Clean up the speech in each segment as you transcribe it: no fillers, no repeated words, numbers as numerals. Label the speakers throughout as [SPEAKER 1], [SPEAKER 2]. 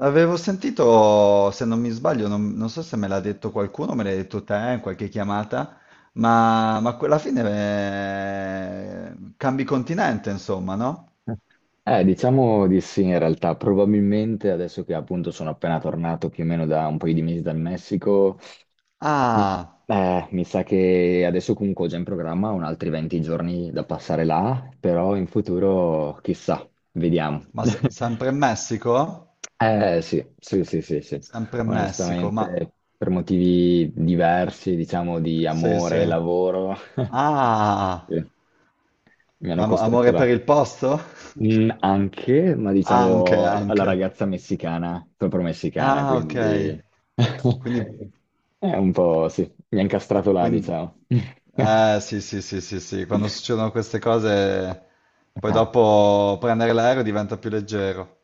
[SPEAKER 1] Avevo sentito, se non mi sbaglio, non so se me l'ha detto qualcuno, me l'hai detto te in qualche chiamata, ma alla fine cambi continente, insomma, no?
[SPEAKER 2] Diciamo di sì, in realtà, probabilmente adesso che appunto sono appena tornato più o meno da un paio di mesi dal Messico, m-
[SPEAKER 1] Ah,
[SPEAKER 2] mi sa che adesso comunque ho già in programma un altri 20 giorni da passare là, però in futuro chissà, vediamo.
[SPEAKER 1] ma sempre in Messico?
[SPEAKER 2] Eh sì, sì, sì, sì, sì.
[SPEAKER 1] Sempre in Messico, ma
[SPEAKER 2] Onestamente, per motivi diversi, diciamo di
[SPEAKER 1] sì,
[SPEAKER 2] amore e
[SPEAKER 1] sì.
[SPEAKER 2] lavoro,
[SPEAKER 1] Ah,
[SPEAKER 2] sì, mi hanno costretto
[SPEAKER 1] amore
[SPEAKER 2] là.
[SPEAKER 1] per il posto?
[SPEAKER 2] Mm, anche, ma
[SPEAKER 1] Anche,
[SPEAKER 2] diciamo alla
[SPEAKER 1] anche.
[SPEAKER 2] ragazza messicana, proprio messicana,
[SPEAKER 1] Ah, ok.
[SPEAKER 2] quindi
[SPEAKER 1] Quindi.
[SPEAKER 2] è un po', sì, mi ha incastrato là,
[SPEAKER 1] Quindi,
[SPEAKER 2] diciamo.
[SPEAKER 1] sì, sì, sì, sì, sì, quando succedono queste cose, poi
[SPEAKER 2] Ah,
[SPEAKER 1] dopo prendere l'aereo diventa più leggero,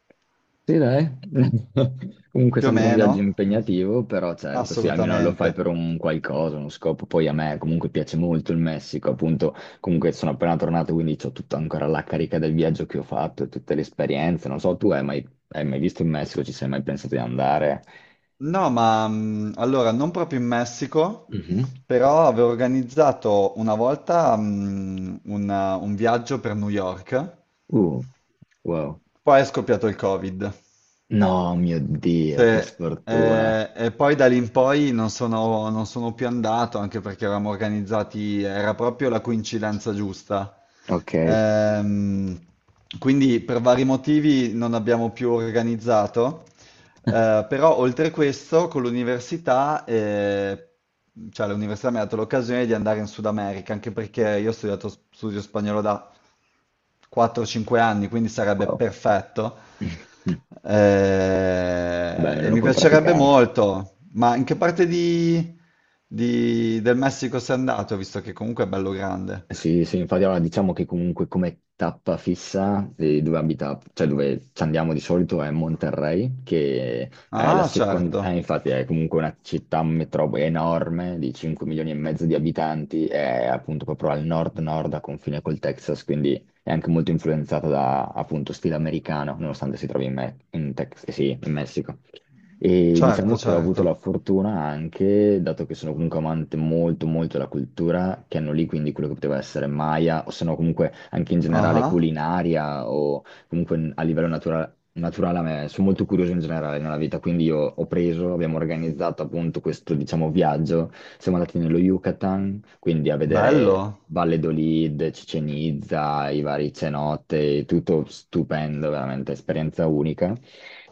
[SPEAKER 2] sì, dai. Comunque
[SPEAKER 1] più o
[SPEAKER 2] sembra un viaggio
[SPEAKER 1] meno,
[SPEAKER 2] impegnativo, però certo, sì, almeno lo fai
[SPEAKER 1] assolutamente.
[SPEAKER 2] per un qualcosa, uno scopo. Poi a me comunque piace molto il Messico, appunto, comunque sono appena tornato, quindi ho tutta ancora la carica del viaggio che ho fatto e tutte le esperienze. Non so, tu hai mai visto il Messico? Ci sei mai pensato di andare?
[SPEAKER 1] No, ma allora non proprio in Messico,
[SPEAKER 2] Mhm.
[SPEAKER 1] però avevo organizzato una volta un viaggio per New York,
[SPEAKER 2] Uh, wow.
[SPEAKER 1] poi è scoppiato il Covid.
[SPEAKER 2] No, mio
[SPEAKER 1] Sì,
[SPEAKER 2] Dio, che sfortuna.
[SPEAKER 1] e poi da lì in poi non sono più andato, anche perché eravamo organizzati, era proprio la coincidenza giusta.
[SPEAKER 2] Ok,
[SPEAKER 1] Ehm, quindi per vari motivi non abbiamo più organizzato, però oltre questo, con l'università, cioè l'università mi ha dato l'occasione di andare in Sud America, anche perché io ho studiato studio spagnolo da 4-5 anni, quindi sarebbe
[SPEAKER 2] wow.
[SPEAKER 1] perfetto.
[SPEAKER 2] Vabbè, almeno
[SPEAKER 1] E
[SPEAKER 2] lo
[SPEAKER 1] mi
[SPEAKER 2] puoi
[SPEAKER 1] piacerebbe
[SPEAKER 2] praticare.
[SPEAKER 1] molto. Ma in che parte del Messico sei andato, visto che comunque è bello grande?
[SPEAKER 2] Sì, sì, infatti allora diciamo che comunque come tappa fissa di dove abita, cioè dove ci andiamo di solito è Monterrey, che è la
[SPEAKER 1] Ah,
[SPEAKER 2] seconda, infatti è comunque una città metropoli enorme di 5 milioni e mezzo di abitanti, è appunto proprio al nord-nord a confine col Texas, quindi è anche molto influenzata da appunto stile americano, nonostante si trovi in, sì, in Messico. E diciamo che ho avuto la
[SPEAKER 1] certo.
[SPEAKER 2] fortuna anche, dato che sono comunque amante molto della cultura, che hanno lì quindi quello che poteva essere Maya, o se no comunque anche in generale
[SPEAKER 1] Ah,
[SPEAKER 2] culinaria, o comunque a livello naturale, a me sono molto curioso in generale nella vita, quindi io ho preso, abbiamo organizzato appunto questo diciamo viaggio, siamo andati nello Yucatan, quindi a vedere
[SPEAKER 1] bello.
[SPEAKER 2] Valladolid, Cicenizza, i vari cenote, tutto stupendo, veramente esperienza unica.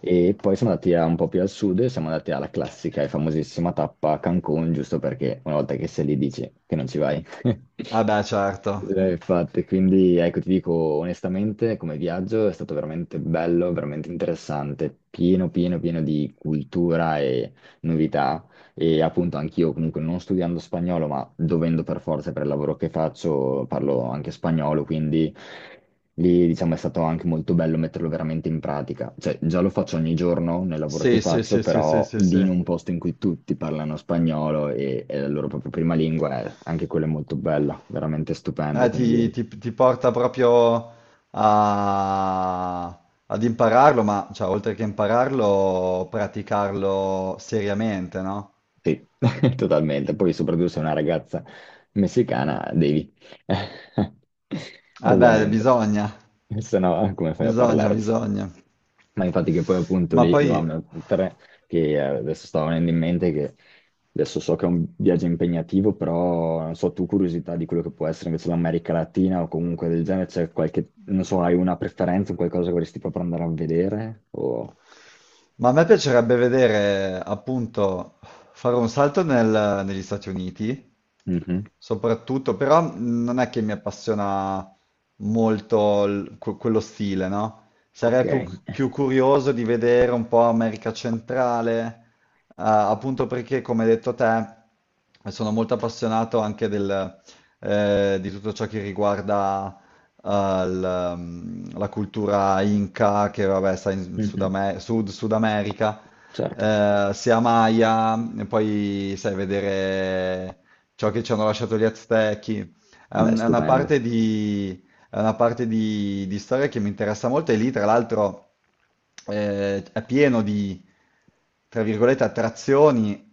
[SPEAKER 2] E poi un po' più al sud e siamo andati alla classica e famosissima tappa a Cancun, giusto perché una volta che sei lì dici che non ci vai.
[SPEAKER 1] Ah beh, certo.
[SPEAKER 2] Infatti, quindi ecco, ti dico onestamente, come viaggio è stato veramente bello, veramente interessante, pieno di cultura e novità, e appunto anch'io comunque non studiando spagnolo, ma dovendo per forza per il lavoro che faccio, parlo anche spagnolo, quindi lì diciamo è stato anche molto bello metterlo veramente in pratica. Cioè già lo faccio ogni giorno nel lavoro che
[SPEAKER 1] Sì, sì,
[SPEAKER 2] faccio,
[SPEAKER 1] sì, sì, sì,
[SPEAKER 2] però
[SPEAKER 1] sì,
[SPEAKER 2] lì in
[SPEAKER 1] sì.
[SPEAKER 2] un posto in cui tutti parlano spagnolo è la loro propria prima lingua, anche quello è molto bello, veramente stupendo,
[SPEAKER 1] Ah,
[SPEAKER 2] quindi
[SPEAKER 1] ti porta proprio a- ad impararlo, ma cioè, oltre che impararlo, praticarlo seriamente, no?
[SPEAKER 2] sì, totalmente. Poi soprattutto se è una ragazza messicana, devi.
[SPEAKER 1] Ah beh,
[SPEAKER 2] Ovviamente. Se no, come fai a parlarci?
[SPEAKER 1] bisogna.
[SPEAKER 2] Ma infatti che poi appunto
[SPEAKER 1] Ma
[SPEAKER 2] lì
[SPEAKER 1] poi,
[SPEAKER 2] dovevamo mettere, che adesso stavo venendo in mente che adesso so che è un viaggio impegnativo, però non so, tu curiosità di quello che può essere invece l'America Latina o comunque del genere, c'è qualche, non so, hai una preferenza, qualcosa che vorresti proprio andare a vedere? O
[SPEAKER 1] ma a me piacerebbe vedere, appunto, fare un salto negli Stati Uniti
[SPEAKER 2] mhm.
[SPEAKER 1] soprattutto, però non è che mi appassiona molto quello stile, no?
[SPEAKER 2] Ok.
[SPEAKER 1] Più curioso di vedere un po' America Centrale, appunto perché, come hai detto te, sono molto appassionato anche di tutto ciò che riguarda eh, il, la cultura Inca, che vabbè, sta in
[SPEAKER 2] Mhm.
[SPEAKER 1] Sud America,
[SPEAKER 2] Certo.
[SPEAKER 1] sia Maya, e poi sai vedere ciò che ci hanno lasciato gli Aztechi.
[SPEAKER 2] Vabbè,
[SPEAKER 1] È una
[SPEAKER 2] stupendo.
[SPEAKER 1] è una parte di storia che mi interessa molto e lì, tra l'altro, è pieno di, tra virgolette, attrazioni,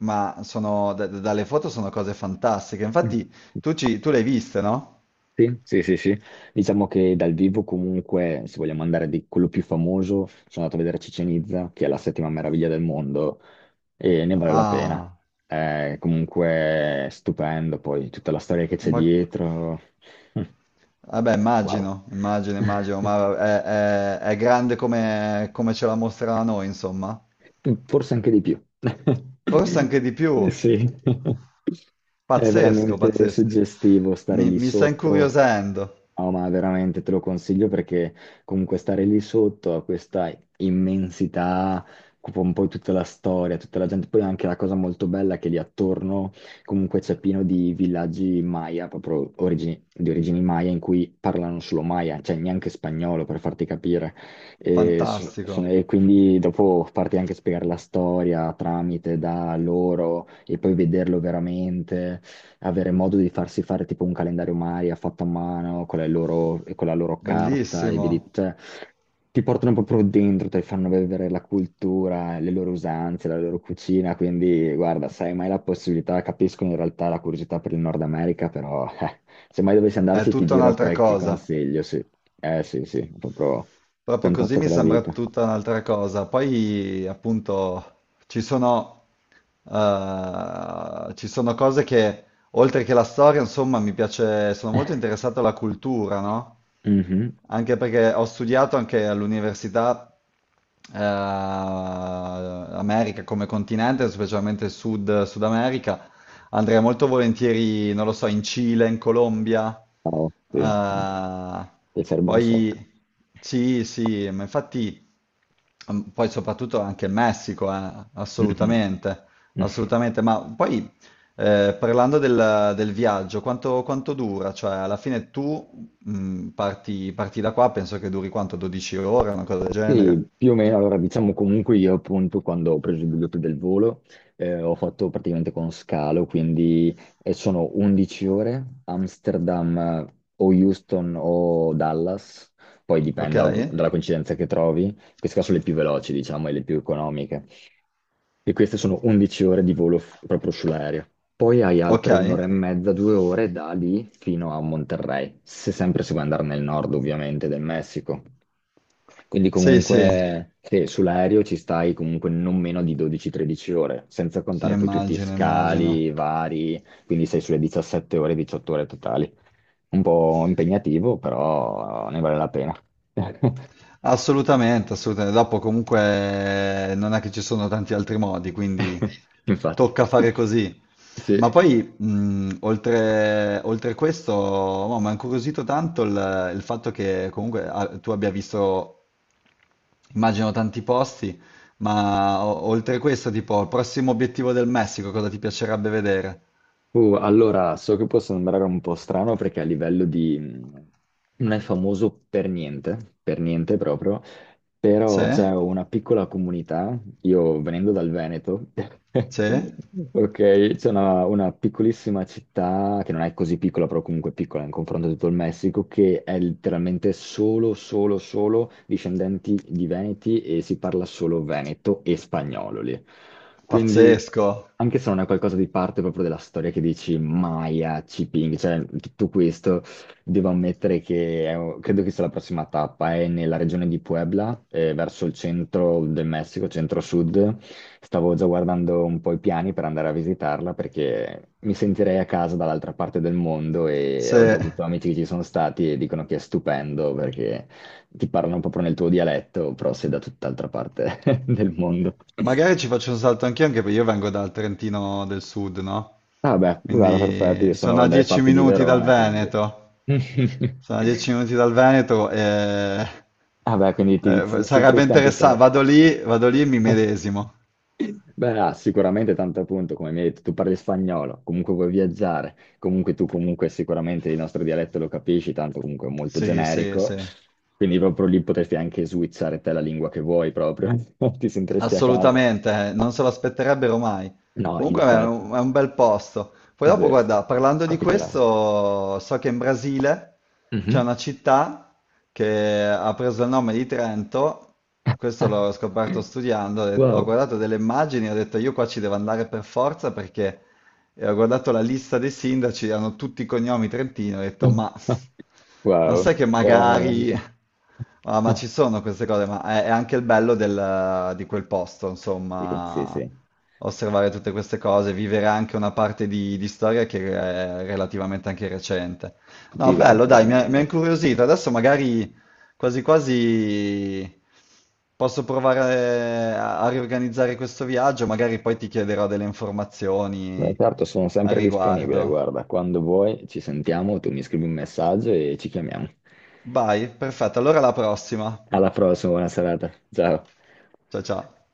[SPEAKER 1] ma dalle foto sono cose fantastiche. Infatti, tu le hai viste, no?
[SPEAKER 2] Sì, sì, sì, sì. Diciamo che dal vivo comunque, se vogliamo andare di quello più famoso, sono andato a vedere Ciccien Itza, che è la settima meraviglia del mondo, e ne vale la pena.
[SPEAKER 1] Ah,
[SPEAKER 2] È comunque stupendo, poi tutta la storia che c'è
[SPEAKER 1] ma...
[SPEAKER 2] dietro.
[SPEAKER 1] Vabbè,
[SPEAKER 2] Wow.
[SPEAKER 1] immagino, ma è grande come, come ce la mostra a noi, insomma.
[SPEAKER 2] Forse anche di più.
[SPEAKER 1] Forse anche di più.
[SPEAKER 2] Sì. È
[SPEAKER 1] Pazzesco,
[SPEAKER 2] veramente
[SPEAKER 1] pazzesco.
[SPEAKER 2] suggestivo stare lì
[SPEAKER 1] Mi sta
[SPEAKER 2] sotto.
[SPEAKER 1] incuriosendo.
[SPEAKER 2] No, ma veramente te lo consiglio perché comunque stare lì sotto a questa immensità, occupa un po' tutta la storia, tutta la gente. Poi anche la cosa molto bella è che lì attorno comunque c'è pieno di villaggi Maya, proprio di origini Maya, in cui parlano solo Maya, cioè neanche spagnolo per farti capire. E, so-
[SPEAKER 1] Fantastico,
[SPEAKER 2] so- e quindi dopo parti anche a spiegare la storia tramite da loro e poi vederlo veramente, avere modo di farsi fare tipo un calendario Maria fatto a mano con le loro- e con la loro carta e
[SPEAKER 1] bellissimo.
[SPEAKER 2] vedi, cioè, ti portano proprio dentro, ti fanno vedere la cultura, le loro usanze, la loro cucina, quindi guarda, se hai mai la possibilità, capisco in realtà la curiosità per il Nord America, però se mai dovessi
[SPEAKER 1] È
[SPEAKER 2] andarci ti
[SPEAKER 1] tutta
[SPEAKER 2] giro
[SPEAKER 1] un'altra
[SPEAKER 2] qualche
[SPEAKER 1] cosa.
[SPEAKER 2] consiglio, sì. Eh sì, sì, proprio.
[SPEAKER 1] Proprio così
[SPEAKER 2] Contatto
[SPEAKER 1] mi
[SPEAKER 2] con la
[SPEAKER 1] sembra
[SPEAKER 2] vita.
[SPEAKER 1] tutta un'altra cosa. Poi, appunto, ci sono cose che, oltre che la storia, insomma, mi piace, sono molto interessato alla cultura, no?
[SPEAKER 2] Mhm.
[SPEAKER 1] Anche perché ho studiato anche all'università America come continente, specialmente il Sud America. Andrei molto volentieri, non lo so, in Cile, in Colombia.
[SPEAKER 2] Bravo, sì.
[SPEAKER 1] eh,
[SPEAKER 2] Ti serve un sacco.
[SPEAKER 1] poi sì, sì, ma infatti poi soprattutto anche il Messico,
[SPEAKER 2] Mhm.
[SPEAKER 1] assolutamente, assolutamente. Ma poi parlando del viaggio, quanto dura? Cioè, alla fine tu parti da qua, penso che duri quanto? 12 ore, una cosa del
[SPEAKER 2] Sì,
[SPEAKER 1] genere.
[SPEAKER 2] più o meno, allora diciamo comunque io appunto quando ho preso il biglietto del volo, ho fatto praticamente con scalo, quindi sono 11 ore, Amsterdam o Houston o Dallas, poi
[SPEAKER 1] Ok?
[SPEAKER 2] dipende ovvio, dalla coincidenza che trovi, queste qua sono le più veloci diciamo e le più economiche. E queste sono 11 ore di volo proprio sull'aereo. Poi hai
[SPEAKER 1] Ok?
[SPEAKER 2] altre un'ora e mezza, due ore da lì fino a Monterrey, se sempre si vuoi andare nel nord ovviamente del Messico. Quindi
[SPEAKER 1] Sì, sì,
[SPEAKER 2] comunque sì, sull'aereo ci stai comunque non meno di 12-13 ore, senza
[SPEAKER 1] sì,
[SPEAKER 2] contare poi tutti i
[SPEAKER 1] immagino.
[SPEAKER 2] scali vari, quindi sei sulle 17 ore, 18 ore totali. Un po' impegnativo, però ne vale la pena.
[SPEAKER 1] Assolutamente, assolutamente. Dopo comunque non è che ci sono tanti altri modi, quindi
[SPEAKER 2] Infatti.
[SPEAKER 1] tocca fare così.
[SPEAKER 2] Sì.
[SPEAKER 1] Ma poi, oltre questo, no, mi ha incuriosito tanto il fatto che comunque ah, tu abbia visto, immagino, tanti posti, ma oltre questo, tipo, il prossimo obiettivo del Messico, cosa ti piacerebbe vedere?
[SPEAKER 2] Allora, so che può sembrare un po' strano perché a livello di mm, non è famoso per niente proprio. Però c'è
[SPEAKER 1] Sì?
[SPEAKER 2] una piccola comunità, io venendo dal Veneto,
[SPEAKER 1] Sì?
[SPEAKER 2] ok, c'è una piccolissima città che non è così piccola, però comunque piccola in confronto a tutto il Messico, che è letteralmente solo discendenti di Veneti e si parla solo veneto e spagnolo lì. Quindi,
[SPEAKER 1] Pazzesco!
[SPEAKER 2] anche se non è qualcosa di parte proprio della storia che dici Maya, Ciping, cioè tutto questo devo ammettere credo che sia la prossima tappa, è nella regione di Puebla, verso il centro del Messico, centro-sud. Stavo già guardando un po' i piani per andare a visitarla perché mi sentirei a casa dall'altra parte del mondo e ho
[SPEAKER 1] Sì.
[SPEAKER 2] già avuto amici che ci sono stati e dicono che è stupendo perché ti parlano proprio nel tuo dialetto, però sei da tutt'altra parte del mondo.
[SPEAKER 1] Magari ci faccio un salto anch'io, anche perché io vengo dal Trentino del Sud, no?
[SPEAKER 2] Vabbè, guarda, perfetto, io
[SPEAKER 1] Quindi sono
[SPEAKER 2] sono
[SPEAKER 1] a
[SPEAKER 2] dalle
[SPEAKER 1] 10
[SPEAKER 2] parti di
[SPEAKER 1] minuti dal
[SPEAKER 2] Verona, quindi
[SPEAKER 1] Veneto. Sono a 10 minuti dal Veneto e
[SPEAKER 2] vabbè, quindi ti, ti
[SPEAKER 1] sarebbe
[SPEAKER 2] sentiresti anche
[SPEAKER 1] interessante.
[SPEAKER 2] te.
[SPEAKER 1] Vado lì e mi medesimo.
[SPEAKER 2] Beh, ha sicuramente tanto appunto, come mi hai detto, tu parli spagnolo, comunque vuoi viaggiare, comunque tu comunque sicuramente il nostro dialetto lo capisci, tanto comunque è molto
[SPEAKER 1] Sì, sì,
[SPEAKER 2] generico,
[SPEAKER 1] sì.
[SPEAKER 2] quindi proprio lì potresti anche switchare te la lingua che vuoi proprio, ti sentiresti a casa.
[SPEAKER 1] Assolutamente, non se lo aspetterebbero mai.
[SPEAKER 2] No,
[SPEAKER 1] Comunque è
[SPEAKER 2] infatti,
[SPEAKER 1] è un bel posto. Poi
[SPEAKER 2] sì,
[SPEAKER 1] dopo, guarda, parlando di
[SPEAKER 2] particolare.
[SPEAKER 1] questo, so che in Brasile c'è
[SPEAKER 2] Mhm.
[SPEAKER 1] una città che ha preso il nome di Trento, questo l'ho scoperto studiando, ho
[SPEAKER 2] Wow.
[SPEAKER 1] guardato delle immagini e ho detto io qua ci devo andare per forza perché e ho guardato la lista dei sindaci, hanno tutti i cognomi trentini, ho detto, ma
[SPEAKER 2] Wow,
[SPEAKER 1] sai che magari...
[SPEAKER 2] veramente.
[SPEAKER 1] Ah, ma ci sono queste cose, ma è anche il bello di quel posto,
[SPEAKER 2] Sì, sì,
[SPEAKER 1] insomma,
[SPEAKER 2] sì,
[SPEAKER 1] osservare tutte queste cose, vivere anche una parte di storia che è relativamente anche recente. No,
[SPEAKER 2] sì, beh,
[SPEAKER 1] bello, dai, mi ha
[SPEAKER 2] veramente.
[SPEAKER 1] incuriosito. Adesso magari quasi quasi posso provare a riorganizzare questo viaggio, magari poi ti chiederò delle
[SPEAKER 2] Beh,
[SPEAKER 1] informazioni
[SPEAKER 2] certo, sono
[SPEAKER 1] a
[SPEAKER 2] sempre disponibile,
[SPEAKER 1] riguardo.
[SPEAKER 2] guarda, quando vuoi ci sentiamo, tu mi scrivi un messaggio e ci chiamiamo.
[SPEAKER 1] Vai, perfetto, allora alla prossima.
[SPEAKER 2] Alla prossima, buona serata. Ciao.
[SPEAKER 1] Ciao ciao.